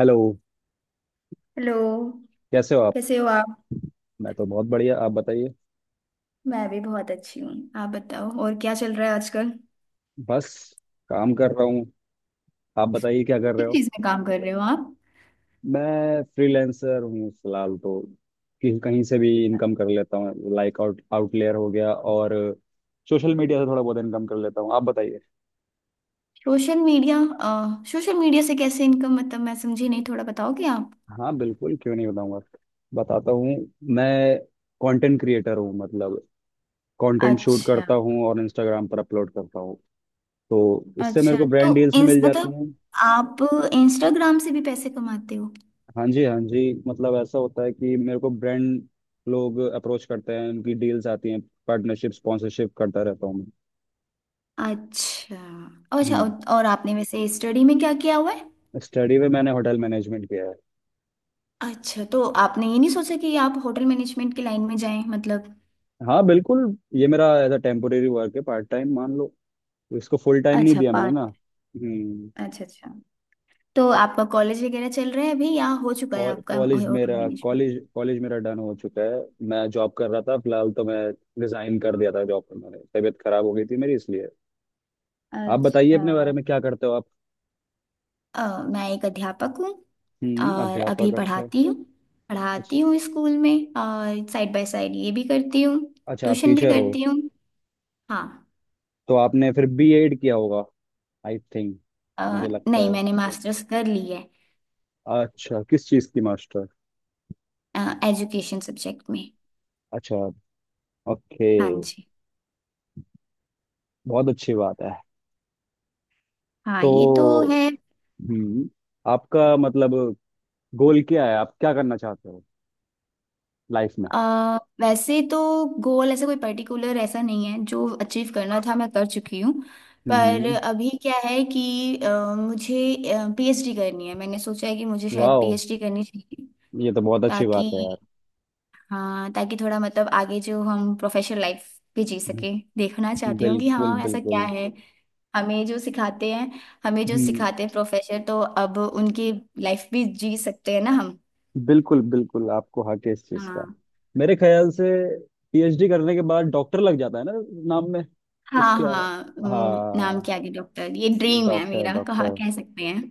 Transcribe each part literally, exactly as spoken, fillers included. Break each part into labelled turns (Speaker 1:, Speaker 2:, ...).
Speaker 1: Hello.
Speaker 2: Hello.
Speaker 1: कैसे हो आप?
Speaker 2: कैसे हो आप?
Speaker 1: मैं तो बहुत बढ़िया, आप बताइए।
Speaker 2: मैं भी बहुत अच्छी हूँ, आप बताओ और क्या चल रहा है आजकल?
Speaker 1: बस काम कर रहा हूँ। आप बताइए क्या कर
Speaker 2: किस
Speaker 1: रहे हो?
Speaker 2: चीज़ में काम कर रहे हो आप?
Speaker 1: मैं फ्रीलांसर हूँ फिलहाल तो, कि कहीं से भी इनकम कर लेता हूँ। लाइक आउट आउटलेयर हो गया और सोशल मीडिया से थोड़ा बहुत इनकम कर लेता हूँ। आप बताइए।
Speaker 2: सोशल मीडिया अ, सोशल मीडिया से कैसे इनकम, मतलब मैं समझी नहीं, थोड़ा बताओगे आप?
Speaker 1: हाँ बिल्कुल, क्यों नहीं बताऊंगा। बताता हूँ। मैं कंटेंट क्रिएटर हूँ, मतलब कंटेंट शूट
Speaker 2: अच्छा।
Speaker 1: करता हूँ और इंस्टाग्राम पर अपलोड करता हूँ। तो इससे मेरे
Speaker 2: अच्छा।
Speaker 1: को
Speaker 2: तो
Speaker 1: ब्रांड डील्स
Speaker 2: इंस
Speaker 1: मिल जाती
Speaker 2: मतलब
Speaker 1: हैं।
Speaker 2: आप इंस्टाग्राम से भी पैसे कमाते हो?
Speaker 1: हाँ जी, हाँ जी, मतलब ऐसा होता है कि मेरे को ब्रांड लोग अप्रोच करते हैं, उनकी डील्स आती हैं। पार्टनरशिप, स्पॉन्सरशिप करता रहता हूँ मैं।
Speaker 2: अच्छा। अच्छा। और
Speaker 1: हम्म।
Speaker 2: और आपने वैसे स्टडी में क्या किया हुआ है?
Speaker 1: स्टडी में मैंने होटल मैनेजमेंट किया है।
Speaker 2: अच्छा, तो आपने ये नहीं सोचा कि आप होटल मैनेजमेंट की लाइन में जाएं, मतलब?
Speaker 1: हाँ बिल्कुल, ये मेरा एज अ टेम्पोरेरी वर्क है, पार्ट टाइम मान लो। इसको फुल टाइम नहीं
Speaker 2: अच्छा
Speaker 1: दिया मैंने
Speaker 2: पार्ट।
Speaker 1: ना। हम्म।
Speaker 2: अच्छा। अच्छा। तो आपका कॉलेज वगैरह चल रहा है अभी या हो चुका है आपका
Speaker 1: कॉलेज
Speaker 2: होटल
Speaker 1: मेरा
Speaker 2: मैनेजमेंट?
Speaker 1: कॉलेज कॉलेज मेरा डन हो चुका है। मैं जॉब कर रहा था फिलहाल, तो मैं रिजाइन कर दिया था जॉब पर मैंने, तबीयत खराब हो गई थी मेरी इसलिए। आप बताइए
Speaker 2: अच्छा।
Speaker 1: अपने बारे में, क्या करते हो आप?
Speaker 2: अ, मैं एक अध्यापक हूँ।
Speaker 1: हम्म,
Speaker 2: और अभी
Speaker 1: अध्यापक, अच्छा।
Speaker 2: पढ़ाती हूँ।
Speaker 1: अच्छा
Speaker 2: पढ़ाती हूँ स्कूल में और साइड बाय साइड ये भी करती हूँ।
Speaker 1: अच्छा, आप
Speaker 2: ट्यूशन भी
Speaker 1: टीचर हो।
Speaker 2: करती हूँ। हाँ।
Speaker 1: तो आपने फिर बी एड किया होगा, आई थिंक,
Speaker 2: अ,
Speaker 1: मुझे लगता
Speaker 2: नहीं,
Speaker 1: है।
Speaker 2: मैंने मास्टर्स कर ली है।
Speaker 1: अच्छा, किस चीज की मास्टर?
Speaker 2: एजुकेशन सब्जेक्ट में।
Speaker 1: अच्छा, ओके,
Speaker 2: हाँ जी।
Speaker 1: बहुत अच्छी बात है।
Speaker 2: हाँ ये तो
Speaker 1: तो
Speaker 2: है।
Speaker 1: हम्म, आपका मतलब गोल क्या है, आप क्या करना चाहते हो लाइफ में?
Speaker 2: अ, वैसे तो गोल ऐसा कोई पर्टिकुलर ऐसा नहीं है, जो अचीव करना था मैं कर चुकी हूँ। पर
Speaker 1: हम्म,
Speaker 2: अभी क्या है कि अ, मुझे पीएचडी करनी है, मैंने सोचा है कि मुझे शायद
Speaker 1: वाह,
Speaker 2: पीएचडी करनी चाहिए।
Speaker 1: ये तो बहुत अच्छी बात
Speaker 2: ताकि,
Speaker 1: है यार।
Speaker 2: हाँ, ताकि थोड़ा मतलब आगे जो हम प्रोफेशनल लाइफ भी जी सके। देखना चाहती हूँ कि
Speaker 1: बिल्कुल
Speaker 2: हाँ ऐसा क्या
Speaker 1: बिल्कुल।
Speaker 2: है। हमें जो सिखाते हैं हमें जो
Speaker 1: हम्म,
Speaker 2: सिखाते हैं प्रोफेसर, तो अब उनकी लाइफ भी जी सकते हैं ना हम।
Speaker 1: बिल्कुल बिल्कुल, आपको हक है इस चीज का।
Speaker 2: हाँ।
Speaker 1: मेरे ख्याल से पीएचडी करने के बाद डॉक्टर लग जाता है ना, नाम में,
Speaker 2: हाँ।
Speaker 1: उसके।
Speaker 2: हाँ, उम, नाम
Speaker 1: हाँ,
Speaker 2: के आगे डॉक्टर, ये ड्रीम है
Speaker 1: डॉक्टर
Speaker 2: मेरा कहा
Speaker 1: डॉक्टर।
Speaker 2: कह सकते हैं।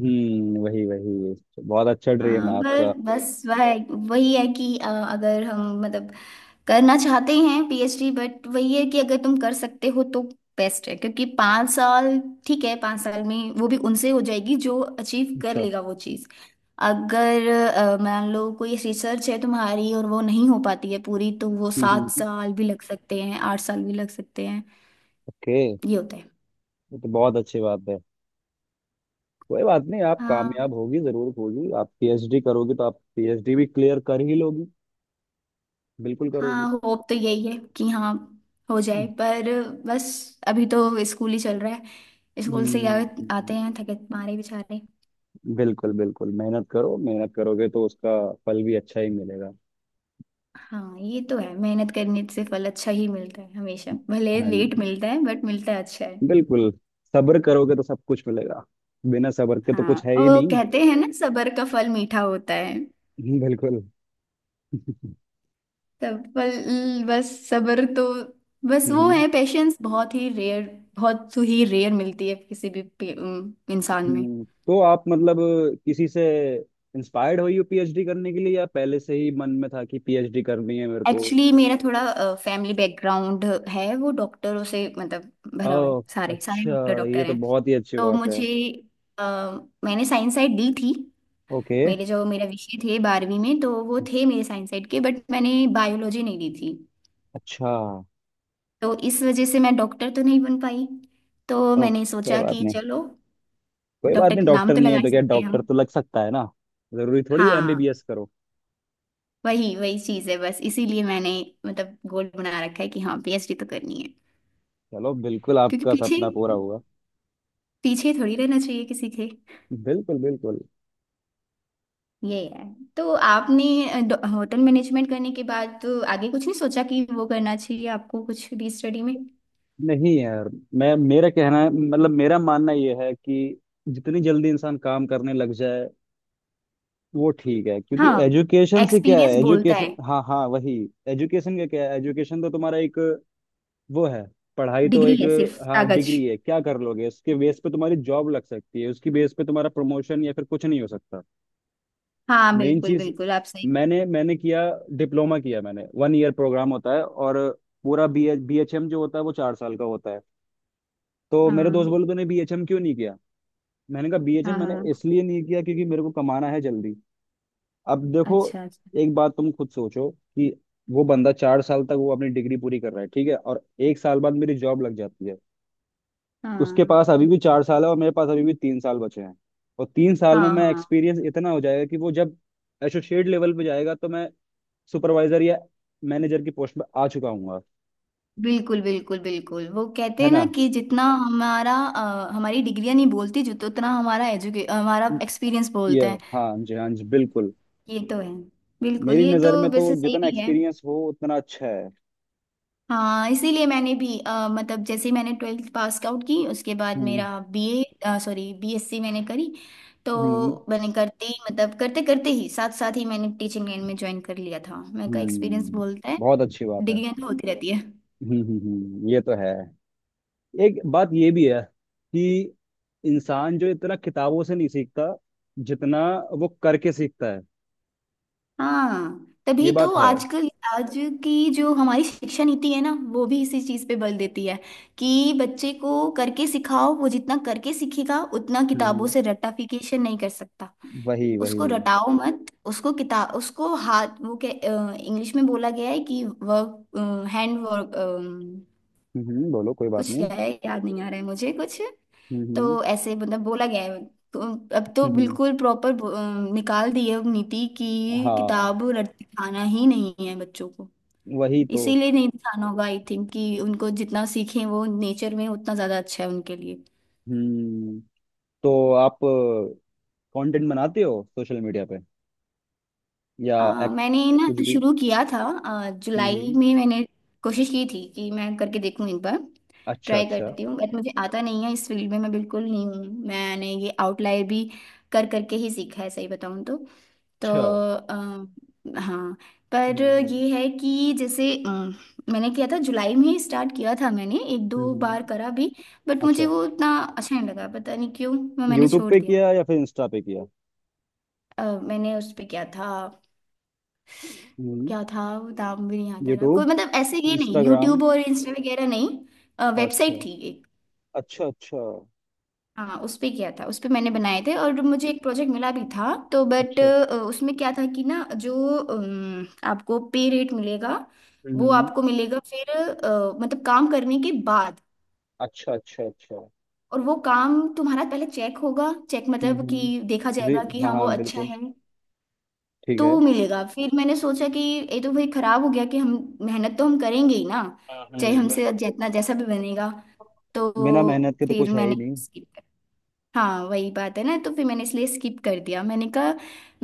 Speaker 1: हम्म, वही वही, बहुत अच्छा ड्रीम
Speaker 2: हाँ,
Speaker 1: है
Speaker 2: पर
Speaker 1: आपका।
Speaker 2: बस वह वही है कि अ, अगर हम मतलब करना चाहते हैं पीएचडी, बट वही है कि अगर तुम कर सकते हो तो बेस्ट है, क्योंकि पाँच साल। ठीक है, पाँच साल में वो भी उनसे हो जाएगी जो अचीव कर
Speaker 1: अच्छा,
Speaker 2: लेगा वो चीज़। अगर अ, मान लो कोई रिसर्च है तुम्हारी और वो नहीं हो पाती है पूरी, तो वो
Speaker 1: हम्म,
Speaker 2: सात
Speaker 1: हम्म।
Speaker 2: साल भी लग सकते हैं, आठ साल भी लग सकते हैं।
Speaker 1: ओके,
Speaker 2: ये होता है।
Speaker 1: ये तो बहुत अच्छी बात है। कोई बात नहीं, आप
Speaker 2: हाँ।
Speaker 1: कामयाब होगी, जरूर होगी, आप पीएचडी करोगी तो आप पीएचडी भी क्लियर कर ही लोगी, बिल्कुल करोगी।
Speaker 2: हाँ, होप तो यही है कि हाँ हो जाए, पर बस। अभी तो स्कूल ही चल रहा है। स्कूल से ही आ, आते
Speaker 1: हम्म,
Speaker 2: हैं थके मारे बेचारे।
Speaker 1: बिल्कुल बिल्कुल, मेहनत करो, मेहनत करोगे तो उसका फल भी अच्छा ही मिलेगा।
Speaker 2: हाँ ये तो है, मेहनत करने से फल अच्छा ही मिलता है हमेशा, भले
Speaker 1: हाँ
Speaker 2: लेट
Speaker 1: जी,
Speaker 2: मिलता है बट मिलता है अच्छा है।
Speaker 1: बिल्कुल, सब्र करोगे तो सब कुछ मिलेगा, बिना सब्र के तो
Speaker 2: हाँ,
Speaker 1: कुछ है ही
Speaker 2: वो
Speaker 1: नहीं।
Speaker 2: कहते हैं ना, सबर का फल मीठा होता है।
Speaker 1: हम्म, बिल्कुल।
Speaker 2: सब फल, बस सबर तो, बस वो
Speaker 1: हम्म,
Speaker 2: है, पेशेंस बहुत ही रेयर। बहुत ही रेयर मिलती है किसी भी पे- इंसान में।
Speaker 1: हम्म। तो आप मतलब किसी से इंस्पायर्ड हुई हो पीएचडी करने के लिए, या पहले से ही मन में था कि पीएचडी करनी है मेरे को?
Speaker 2: एक्चुअली मेरा थोड़ा फैमिली बैकग्राउंड है वो डॉक्टरों से मतलब भरा हुआ है।
Speaker 1: ओह,
Speaker 2: सारे सारे
Speaker 1: अच्छा,
Speaker 2: डॉक्टर
Speaker 1: ये
Speaker 2: डॉक्टर
Speaker 1: तो
Speaker 2: हैं।
Speaker 1: बहुत ही अच्छी
Speaker 2: तो
Speaker 1: बात है।
Speaker 2: मुझे, अ, मैंने साइंस साइड ली थी।
Speaker 1: ओके,
Speaker 2: मेरे जो मेरा विषय थे बारहवीं में, तो वो थे मेरे साइंस साइड के, बट मैंने बायोलॉजी नहीं ली थी।
Speaker 1: अच्छा, ओ,
Speaker 2: तो इस वजह से मैं डॉक्टर तो नहीं बन पाई। तो मैंने
Speaker 1: कोई
Speaker 2: सोचा
Speaker 1: बात
Speaker 2: कि
Speaker 1: नहीं,
Speaker 2: चलो
Speaker 1: कोई बात नहीं,
Speaker 2: डॉक्टर नाम
Speaker 1: डॉक्टर
Speaker 2: तो
Speaker 1: नहीं
Speaker 2: लगा
Speaker 1: है
Speaker 2: ही
Speaker 1: तो क्या,
Speaker 2: सकते हैं हम।
Speaker 1: डॉक्टर तो लग सकता है ना। जरूरी थोड़ी
Speaker 2: हाँ,
Speaker 1: एमबीबीएस करो।
Speaker 2: वही वही चीज़ है। बस इसीलिए मैंने मतलब गोल बना रखा है कि हाँ पीएचडी तो करनी है।
Speaker 1: चलो बिल्कुल,
Speaker 2: क्योंकि
Speaker 1: आपका
Speaker 2: पीछे
Speaker 1: सपना पूरा हुआ।
Speaker 2: पीछे थोड़ी रहना चाहिए किसी के।
Speaker 1: बिल्कुल बिल्कुल।
Speaker 2: ये है। तो आपने अ, डॉ- होटल मैनेजमेंट करने के बाद तो आगे कुछ नहीं सोचा कि वो करना चाहिए आपको कुछ भी स्टडी में?
Speaker 1: नहीं यार, मैं मेरा कहना है मतलब मेरा मानना यह है कि जितनी जल्दी इंसान काम करने लग जाए वो ठीक है। क्योंकि
Speaker 2: हाँ,
Speaker 1: एजुकेशन से क्या है,
Speaker 2: एक्सपीरियंस बोलता है।
Speaker 1: एजुकेशन, हाँ हाँ वही, एजुकेशन का क्या है, एजुकेशन तो तुम्हारा एक वो है, पढ़ाई तो
Speaker 2: डिग्री
Speaker 1: एक,
Speaker 2: है सिर्फ,
Speaker 1: हाँ,
Speaker 2: कागज।
Speaker 1: डिग्री है, क्या कर लोगे उसके बेस पे? तुम्हारी जॉब लग सकती है उसकी बेस पे, तुम्हारा प्रमोशन, या फिर कुछ नहीं हो सकता।
Speaker 2: हाँ
Speaker 1: मेन
Speaker 2: बिल्कुल
Speaker 1: चीज,
Speaker 2: बिल्कुल, आप सही।
Speaker 1: मैंने मैंने किया डिप्लोमा, किया मैंने, वन ईयर प्रोग्राम होता है, और पूरा बी बी एच एम जो होता है वो चार साल का होता है। तो मेरे दोस्त
Speaker 2: हाँ।
Speaker 1: बोले तूने बी एच एम क्यों नहीं किया? मैंने कहा बीएचए
Speaker 2: हाँ।
Speaker 1: मैंने
Speaker 2: हाँ।
Speaker 1: इसलिए नहीं किया क्योंकि मेरे को कमाना है जल्दी। अब देखो,
Speaker 2: अच्छा। अच्छा।
Speaker 1: एक बात तुम खुद सोचो कि वो बंदा चार साल तक वो अपनी डिग्री पूरी कर रहा है, ठीक है, और एक साल बाद मेरी जॉब लग जाती है। उसके
Speaker 2: हाँ।
Speaker 1: पास अभी भी चार साल है और मेरे पास अभी भी तीन साल बचे हैं। और तीन साल में
Speaker 2: हाँ।
Speaker 1: मैं,
Speaker 2: हाँ।
Speaker 1: एक्सपीरियंस इतना हो जाएगा कि वो जब एसोसिएट लेवल पे जाएगा तो मैं सुपरवाइजर या मैनेजर की पोस्ट पे आ चुका हूँ।
Speaker 2: बिल्कुल बिल्कुल बिल्कुल, वो कहते
Speaker 1: है
Speaker 2: हैं
Speaker 1: ना?
Speaker 2: ना कि जितना हमारा अ, हमारी डिग्रियां नहीं बोलती जो, तो उतना हमारा एजुके हमारा एक्सपीरियंस
Speaker 1: ये,
Speaker 2: बोलता है।
Speaker 1: हाँ जी, हाँ जी, बिल्कुल।
Speaker 2: ये तो है। बिल्कुल,
Speaker 1: मेरी
Speaker 2: ये तो
Speaker 1: नज़र में तो
Speaker 2: वैसे सही
Speaker 1: जितना
Speaker 2: भी है।
Speaker 1: एक्सपीरियंस हो उतना अच्छा है।
Speaker 2: हाँ, इसीलिए मैंने भी अ, मतलब जैसे ही मैंने ट्वेल्थ पास आउट की, उसके बाद
Speaker 1: हम्म
Speaker 2: मेरा बीए सॉरी बीएससी मैंने करी।
Speaker 1: हम्म
Speaker 2: तो मैंने करते ही, मतलब करते करते ही, साथ साथ ही मैंने टीचिंग लाइन में ज्वाइन कर लिया था, मेरे का एक्सपीरियंस
Speaker 1: हम्म,
Speaker 2: बोलता है।
Speaker 1: बहुत अच्छी बात है।
Speaker 2: डिग्रियां तो होती रहती है।
Speaker 1: हम्म हम्म हम्म, ये तो है, एक बात ये भी है कि इंसान जो इतना किताबों से नहीं सीखता जितना वो करके सीखता है,
Speaker 2: हाँ तभी
Speaker 1: ये
Speaker 2: तो
Speaker 1: बात है।
Speaker 2: आजकल। आज की जो हमारी शिक्षा नीति है ना, वो भी इसी चीज़ पे बल देती है कि बच्चे को करके सिखाओ, वो जितना करके सीखेगा उतना
Speaker 1: हम्म हम्म,
Speaker 2: किताबों से रट्टाफिकेशन नहीं कर सकता।
Speaker 1: वही वही।
Speaker 2: उसको रटाओ मत, उसको किताब उसको हाथ, वो के इंग्लिश में बोला गया है कि वर्क, हैंड वर्क।
Speaker 1: हम्म हम्म, बोलो कोई बात
Speaker 2: कुछ
Speaker 1: नहीं।
Speaker 2: क्या है, याद नहीं आ रहा है मुझे कुछ।
Speaker 1: हम्म हम्म
Speaker 2: तो ऐसे मतलब बोला गया है। तो अब तो
Speaker 1: हम्म, हम्म,
Speaker 2: बिल्कुल प्रॉपर निकाल दी है अब नीति कि
Speaker 1: हाँ,
Speaker 2: किताब रट दिखाना ही नहीं है बच्चों को।
Speaker 1: वही तो।
Speaker 2: इसीलिए नहीं दिखाना होगा आई थिंक, कि उनको जितना सीखें वो नेचर में उतना ज़्यादा अच्छा है उनके लिए।
Speaker 1: हम्म, तो आप कंटेंट बनाते हो सोशल मीडिया पे या
Speaker 2: अ,
Speaker 1: एक,
Speaker 2: मैंने ना
Speaker 1: कुछ भी?
Speaker 2: शुरू किया था अ,
Speaker 1: हम्म
Speaker 2: जुलाई
Speaker 1: हम्म,
Speaker 2: में, मैंने कोशिश की थी कि मैं करके देखूं एक बार।
Speaker 1: अच्छा
Speaker 2: ट्राई
Speaker 1: अच्छा
Speaker 2: करती हूँ, बट मुझे आता नहीं है, इस फील्ड में मैं बिल्कुल नहीं हूँ। मैंने ये आउटलायर भी कर करके ही सीखा है, सही बताऊँ तो। तो
Speaker 1: अच्छा। हम्म
Speaker 2: अ, हाँ, पर
Speaker 1: हम्म
Speaker 2: ये है कि जैसे अम, मैंने किया था, जुलाई में ही स्टार्ट किया था, मैंने एक
Speaker 1: हम्म,
Speaker 2: दो बार
Speaker 1: हम्म,
Speaker 2: करा भी, बट मुझे
Speaker 1: अच्छा।
Speaker 2: वो उतना अच्छा नहीं लगा, पता नहीं क्यों, मैं मैंने
Speaker 1: यूट्यूब
Speaker 2: छोड़
Speaker 1: पे
Speaker 2: दिया।
Speaker 1: किया या फिर इंस्टा पे किया?
Speaker 2: अ, मैंने उस पे क्या था,
Speaker 1: हम्म,
Speaker 2: क्या था वो, नाम भी नहीं याद आ रहा कोई,
Speaker 1: यूट्यूब,
Speaker 2: मतलब ऐसे ये नहीं
Speaker 1: इंस्टाग्राम,
Speaker 2: यूट्यूब और इंस्टा वगैरह, नहीं
Speaker 1: अच्छा
Speaker 2: वेबसाइट थी।
Speaker 1: अच्छा अच्छा
Speaker 2: हाँ उस पे किया था, उस पे मैंने बनाए थे और मुझे एक प्रोजेक्ट मिला भी था तो, बट
Speaker 1: अच्छा।
Speaker 2: उसमें क्या था कि ना, जो अम, आपको पे रेट मिलेगा वो
Speaker 1: हम्म,
Speaker 2: आपको मिलेगा फिर अ, मतलब काम करने के बाद।
Speaker 1: अच्छा अच्छा अच्छा।
Speaker 2: और वो काम तुम्हारा पहले चेक होगा, चेक
Speaker 1: हम्म,
Speaker 2: मतलब कि
Speaker 1: हम्म।
Speaker 2: देखा
Speaker 1: जी,
Speaker 2: जाएगा कि
Speaker 1: हाँ
Speaker 2: हाँ वो
Speaker 1: हाँ
Speaker 2: अच्छा
Speaker 1: बिल्कुल,
Speaker 2: है,
Speaker 1: ठीक है।
Speaker 2: तो मिलेगा। फिर मैंने सोचा कि ये तो भाई खराब हो गया कि हम मेहनत तो हम करेंगे ही ना,
Speaker 1: हाँ,
Speaker 2: चाहे
Speaker 1: हम्म,
Speaker 2: हमसे
Speaker 1: बिल्कुल
Speaker 2: जितना
Speaker 1: बिल्कुल,
Speaker 2: जैसा भी बनेगा, तो
Speaker 1: बिना मेहनत के तो
Speaker 2: फिर
Speaker 1: कुछ है ही
Speaker 2: मैंने
Speaker 1: नहीं।
Speaker 2: skip। हाँ, वही बात है ना, तो फिर मैंने इसलिए स्किप कर दिया। मैंने कहा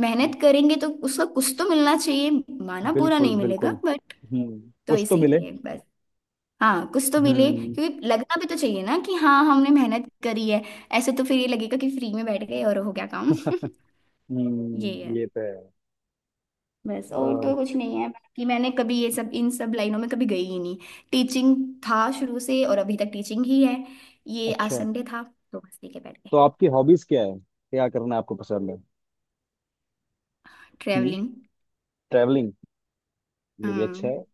Speaker 2: मेहनत करेंगे तो उसका कुछ तो मिलना चाहिए, माना पूरा
Speaker 1: बिल्कुल
Speaker 2: नहीं मिलेगा
Speaker 1: बिल्कुल।
Speaker 2: बट।
Speaker 1: हम्म,
Speaker 2: तो
Speaker 1: कुछ तो मिले।
Speaker 2: इसीलिए बस। हाँ, कुछ तो मिले,
Speaker 1: हम्म,
Speaker 2: क्योंकि लगना भी तो चाहिए ना कि हाँ हमने मेहनत करी है। ऐसे तो फिर ये लगेगा कि फ्री में बैठ गए और हो गया काम। ये
Speaker 1: हम्म,
Speaker 2: है।
Speaker 1: ये तो है।
Speaker 2: बस, और तो
Speaker 1: और
Speaker 2: कुछ नहीं है बाकी, मैंने कभी ये सब इन सब लाइनों में कभी गई ही नहीं। टीचिंग था शुरू से और अभी तक टीचिंग ही है। ये आज
Speaker 1: अच्छा,
Speaker 2: संडे था तो बस लेके बैठ
Speaker 1: तो
Speaker 2: गए।
Speaker 1: आपकी हॉबीज क्या है, क्या करना आपको पसंद है? हम्म,
Speaker 2: ट्रेवलिंग।
Speaker 1: ट्रैवलिंग, ये भी अच्छा
Speaker 2: हम्म।
Speaker 1: है।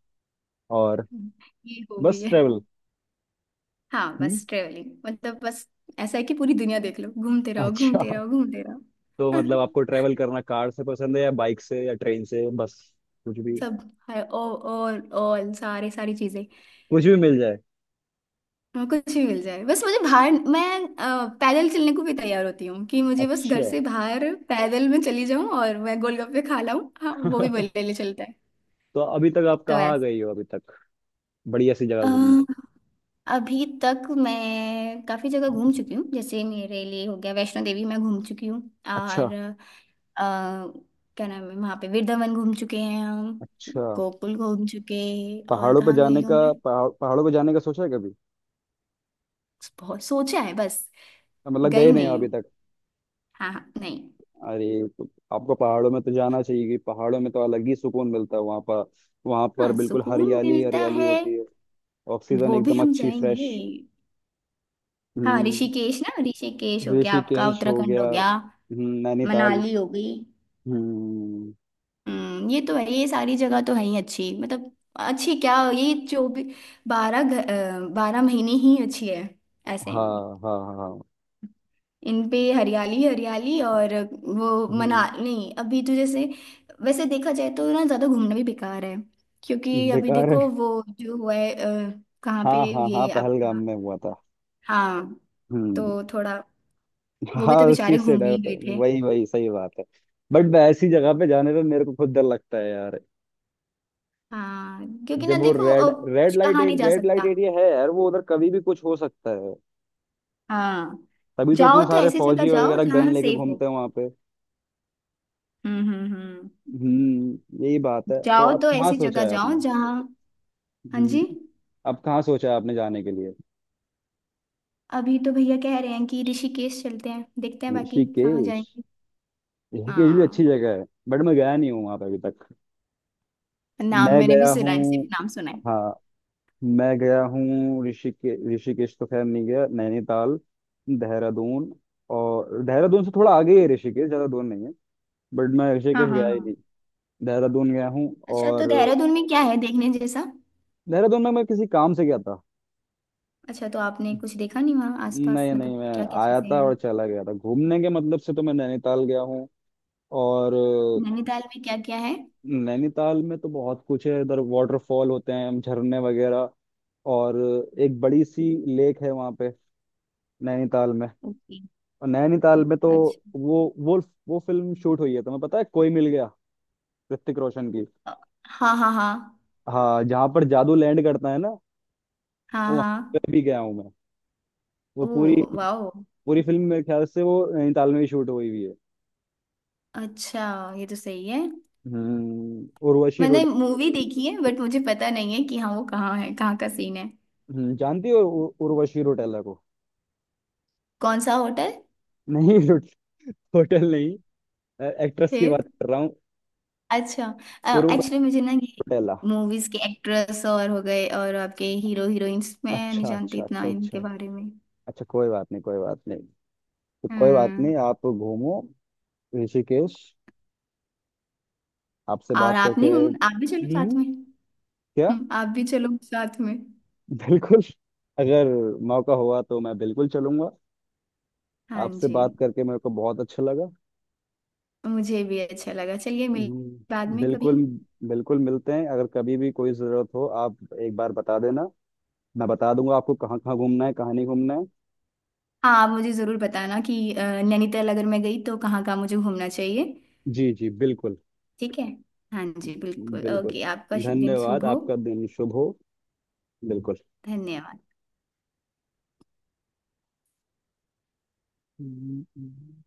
Speaker 1: और,
Speaker 2: ये हॉबी
Speaker 1: बस
Speaker 2: है।
Speaker 1: ट्रैवल?
Speaker 2: हाँ,
Speaker 1: हम्म,
Speaker 2: बस ट्रेवलिंग, मतलब बस ऐसा है कि पूरी दुनिया देख लो, घूमते रहो
Speaker 1: अच्छा,
Speaker 2: घूमते रहो घूमते रहो।
Speaker 1: तो मतलब आपको ट्रेवल करना कार से पसंद है या बाइक से या ट्रेन से, बस कुछ भी?
Speaker 2: सब, हर और ऑल, सारे सारी चीजें।
Speaker 1: कुछ भी मिल जाए,
Speaker 2: हाँ, कुछ भी मिल जाए, बस मुझे बाहर, मैं अ, पैदल चलने को भी तैयार होती हूँ कि मुझे बस
Speaker 1: अच्छा।
Speaker 2: घर से बाहर पैदल में चली जाऊं और मैं गोलगप्पे खा लाऊं, हाँ वो भी मेरे लिए चलता है।
Speaker 1: तो अभी तक आप
Speaker 2: तो
Speaker 1: कहाँ
Speaker 2: ऐसा,
Speaker 1: गई हो अभी तक, बढ़िया सी जगह
Speaker 2: अ,
Speaker 1: घूमने?
Speaker 2: अभी तक मैं काफी जगह घूम चुकी हूँ। जैसे मेरे लिए हो गया वैष्णो देवी, मैं घूम चुकी हूँ।
Speaker 1: अच्छा
Speaker 2: और अ, क्या नाम है वहाँ पे, वृंदावन घूम चुके हैं हम।
Speaker 1: अच्छा,
Speaker 2: गोकुल घूम चुके। और
Speaker 1: पहाड़ों पे
Speaker 2: कहाँ गई
Speaker 1: जाने का,
Speaker 2: हूँ मैं?
Speaker 1: पहाड़ पहाड़ों पे जाने का सोचा है कभी?
Speaker 2: बहुत सोचा है, बस।
Speaker 1: मतलब
Speaker 2: गई
Speaker 1: गए नहीं हो
Speaker 2: नहीं
Speaker 1: अभी
Speaker 2: हूँ।
Speaker 1: तक?
Speaker 2: हाँ हाँ, नहीं।
Speaker 1: अरे, तो आपको पहाड़ों में तो जाना चाहिए, कि पहाड़ों में तो अलग ही सुकून मिलता है वहाँ पर। वहाँ पर
Speaker 2: हाँ,
Speaker 1: बिल्कुल
Speaker 2: सुकून
Speaker 1: हरियाली ही
Speaker 2: मिलता
Speaker 1: हरियाली
Speaker 2: है।
Speaker 1: होती है, ऑक्सीजन
Speaker 2: वो भी
Speaker 1: एकदम
Speaker 2: हम
Speaker 1: अच्छी फ्रेश।
Speaker 2: जाएंगे। हाँ,
Speaker 1: हम्म,
Speaker 2: ऋषिकेश ना, ऋषिकेश हो गया आपका,
Speaker 1: ऋषिकेश हो
Speaker 2: उत्तराखंड
Speaker 1: गया,
Speaker 2: हो गया।
Speaker 1: हम्म, नैनीताल।
Speaker 2: मनाली हो गई।
Speaker 1: हम्म,
Speaker 2: हम्म। ये तो है, ये सारी जगह तो है ही अच्छी, मतलब अच्छी क्या, ये जो भी बारह घ- अ, बारह महीने ही अच्छी है ऐसे।
Speaker 1: हाँ हाँ हाँ, हाँ,
Speaker 2: इन पे हरियाली हरियाली और, वो मना
Speaker 1: हम्म।
Speaker 2: नहीं अभी तो जैसे। वैसे देखा जाए तो ना ज्यादा घूमना भी बेकार है, क्योंकि अभी
Speaker 1: बेकार है,
Speaker 2: देखो वो जो हुआ है, अ, कहाँ पे
Speaker 1: हाँ हाँ हाँ,
Speaker 2: ये
Speaker 1: पहलगाम
Speaker 2: आपका।
Speaker 1: में हुआ था।
Speaker 2: हाँ,
Speaker 1: हम्म,
Speaker 2: तो थोड़ा, वो
Speaker 1: हाँ,
Speaker 2: भी तो
Speaker 1: उस
Speaker 2: बेचारे
Speaker 1: चीज से
Speaker 2: घूमने
Speaker 1: डर
Speaker 2: ही
Speaker 1: तो,
Speaker 2: गए थे।
Speaker 1: वही वही सही बात है, बट ऐसी जगह पे जाने पे मेरे को खुद डर लगता है यार।
Speaker 2: हाँ, क्योंकि ना
Speaker 1: जब वो
Speaker 2: देखो
Speaker 1: रेड,
Speaker 2: अ,
Speaker 1: रेड
Speaker 2: कुछ
Speaker 1: लाइट
Speaker 2: कहाँ नहीं जा
Speaker 1: रेड लाइट
Speaker 2: सकता।
Speaker 1: एरिया है यार वो, उधर कभी भी कुछ हो सकता है।
Speaker 2: हाँ,
Speaker 1: तभी तो
Speaker 2: जाओ
Speaker 1: इतने
Speaker 2: तो
Speaker 1: सारे
Speaker 2: ऐसी जगह
Speaker 1: फौजी
Speaker 2: जाओ
Speaker 1: वगैरह गन
Speaker 2: जहाँ
Speaker 1: लेके
Speaker 2: सेफ हो।
Speaker 1: घूमते हैं वहां पे।
Speaker 2: हम्म। हम्म। हम्म।
Speaker 1: हम्म, यही बात है, तो
Speaker 2: जाओ
Speaker 1: अब
Speaker 2: तो
Speaker 1: कहाँ
Speaker 2: ऐसी
Speaker 1: सोचा
Speaker 2: जगह
Speaker 1: है
Speaker 2: जाओ
Speaker 1: आपने?
Speaker 2: जहाँ। हाँ
Speaker 1: हम्म,
Speaker 2: जी।
Speaker 1: अब कहाँ सोचा है आपने जाने के लिए?
Speaker 2: अभी तो भैया कह रहे हैं कि ऋषिकेश चलते हैं, देखते हैं बाकी कहाँ
Speaker 1: ऋषिकेश,
Speaker 2: जाएंगे।
Speaker 1: ऋषिकेश भी
Speaker 2: हाँ,
Speaker 1: अच्छी जगह है, बट मैं गया नहीं हूँ वहां पर अभी तक।
Speaker 2: नाम
Speaker 1: मैं
Speaker 2: मैंने भी
Speaker 1: गया
Speaker 2: सुना
Speaker 1: हूँ,
Speaker 2: है, सिर्फ नाम सुना है।
Speaker 1: हाँ, मैं गया हूँ, ऋषिकेश, ऋषिकेश तो खैर नहीं गया, नैनीताल, देहरादून। और देहरादून से थोड़ा आगे ही है ऋषिकेश, ज्यादा दूर नहीं है, बट मैं
Speaker 2: हाँ।
Speaker 1: ऋषिकेश
Speaker 2: हाँ।
Speaker 1: गया ही
Speaker 2: हाँ।
Speaker 1: नहीं, देहरादून गया हूँ।
Speaker 2: अच्छा, तो
Speaker 1: और
Speaker 2: देहरादून में क्या है देखने जैसा?
Speaker 1: देहरादून में मैं किसी काम से गया था।
Speaker 2: अच्छा, तो आपने कुछ देखा नहीं वहाँ आसपास,
Speaker 1: नहीं नहीं,
Speaker 2: मतलब
Speaker 1: मैं
Speaker 2: क्या क्या
Speaker 1: आया
Speaker 2: चीजें
Speaker 1: था
Speaker 2: हैं?
Speaker 1: और चला गया था, घूमने के मतलब से तो मैं नैनीताल गया हूँ और अ,
Speaker 2: नैनीताल में क्या क्या है?
Speaker 1: नैनीताल में तो बहुत कुछ है, इधर वाटरफॉल होते हैं, झरने वगैरह, और एक बड़ी सी लेक है वहां पे, नैनीताल में।
Speaker 2: ओके।
Speaker 1: और नैनीताल में तो,
Speaker 2: अच्छा।
Speaker 1: वो वो वो फिल्म शूट हुई है, तुम्हें पता है? कोई मिल गया, ऋतिक रोशन की।
Speaker 2: अ, हाँ। हाँ। हाँ।
Speaker 1: हाँ, जहाँ पर जादू लैंड करता है ना, वो
Speaker 2: हाँ।
Speaker 1: वहां
Speaker 2: हाँ।
Speaker 1: पे भी गया हूँ मैं। वो
Speaker 2: ओ।
Speaker 1: पूरी,
Speaker 2: वाओ।
Speaker 1: पूरी फिल्म मेरे ख्याल से वो नैनीताल में ही शूट हुई हुई है।
Speaker 2: अच्छा। ये तो सही है।
Speaker 1: हम्म, उर्वशी
Speaker 2: मैंने
Speaker 1: रोटेला।
Speaker 2: मूवी देखी है, बट मुझे पता नहीं है कि हाँ वो कहाँ है, कहाँ का सीन है।
Speaker 1: हम्म, जानती हो उ- उर्वशी रोटेला को?
Speaker 2: कौन सा होटल
Speaker 1: नहीं, रोट, होटल नहीं, एक्ट्रेस की
Speaker 2: है।
Speaker 1: बात कर रहा हूँ,
Speaker 2: अच्छा।
Speaker 1: उर्वशी
Speaker 2: एक्चुअली मुझे ना ये
Speaker 1: रोटेला।
Speaker 2: मूवीज के एक्ट्रेस और हो गए और आपके हीरो हीरोइंस, मैं नहीं
Speaker 1: अच्छा
Speaker 2: जानती
Speaker 1: अच्छा
Speaker 2: इतना
Speaker 1: अच्छा अच्छा,
Speaker 2: इनके बारे में।
Speaker 1: अच्छा, कोई बात नहीं, कोई बात नहीं, तो कोई बात
Speaker 2: हम्म।
Speaker 1: नहीं, आप घूमो ऋषिकेश। आपसे
Speaker 2: और
Speaker 1: बात
Speaker 2: आप
Speaker 1: करके,
Speaker 2: नहीं घूम आप भी चलो साथ
Speaker 1: हम्म,
Speaker 2: में।
Speaker 1: क्या?
Speaker 2: हम्म, आप भी चलो साथ में।
Speaker 1: बिल्कुल, अगर मौका हुआ तो मैं बिल्कुल चलूंगा।
Speaker 2: हाँ
Speaker 1: आपसे
Speaker 2: जी।
Speaker 1: बात करके मेरे को बहुत अच्छा लगा।
Speaker 2: मुझे भी अच्छा लगा, चलिए मिल बाद
Speaker 1: हम्म,
Speaker 2: में कभी।
Speaker 1: बिल्कुल, बिल्कुल मिलते हैं, अगर कभी भी कोई ज़रूरत हो आप एक बार बता देना, मैं बता दूंगा आपको कहाँ कहाँ घूमना है कहाँ नहीं घूमना है।
Speaker 2: हाँ, आप मुझे जरूर बताना कि अ, नैनीताल अगर मैं गई तो कहाँ कहाँ मुझे घूमना चाहिए।
Speaker 1: जी जी बिल्कुल।
Speaker 2: ठीक है। हाँ जी बिल्कुल,
Speaker 1: बिल्कुल,
Speaker 2: ओके, आपका दिन
Speaker 1: धन्यवाद,
Speaker 2: शुभ हो।
Speaker 1: आपका दिन शुभ हो। बिल्कुल।
Speaker 2: धन्यवाद।
Speaker 1: हम्म, हम्म।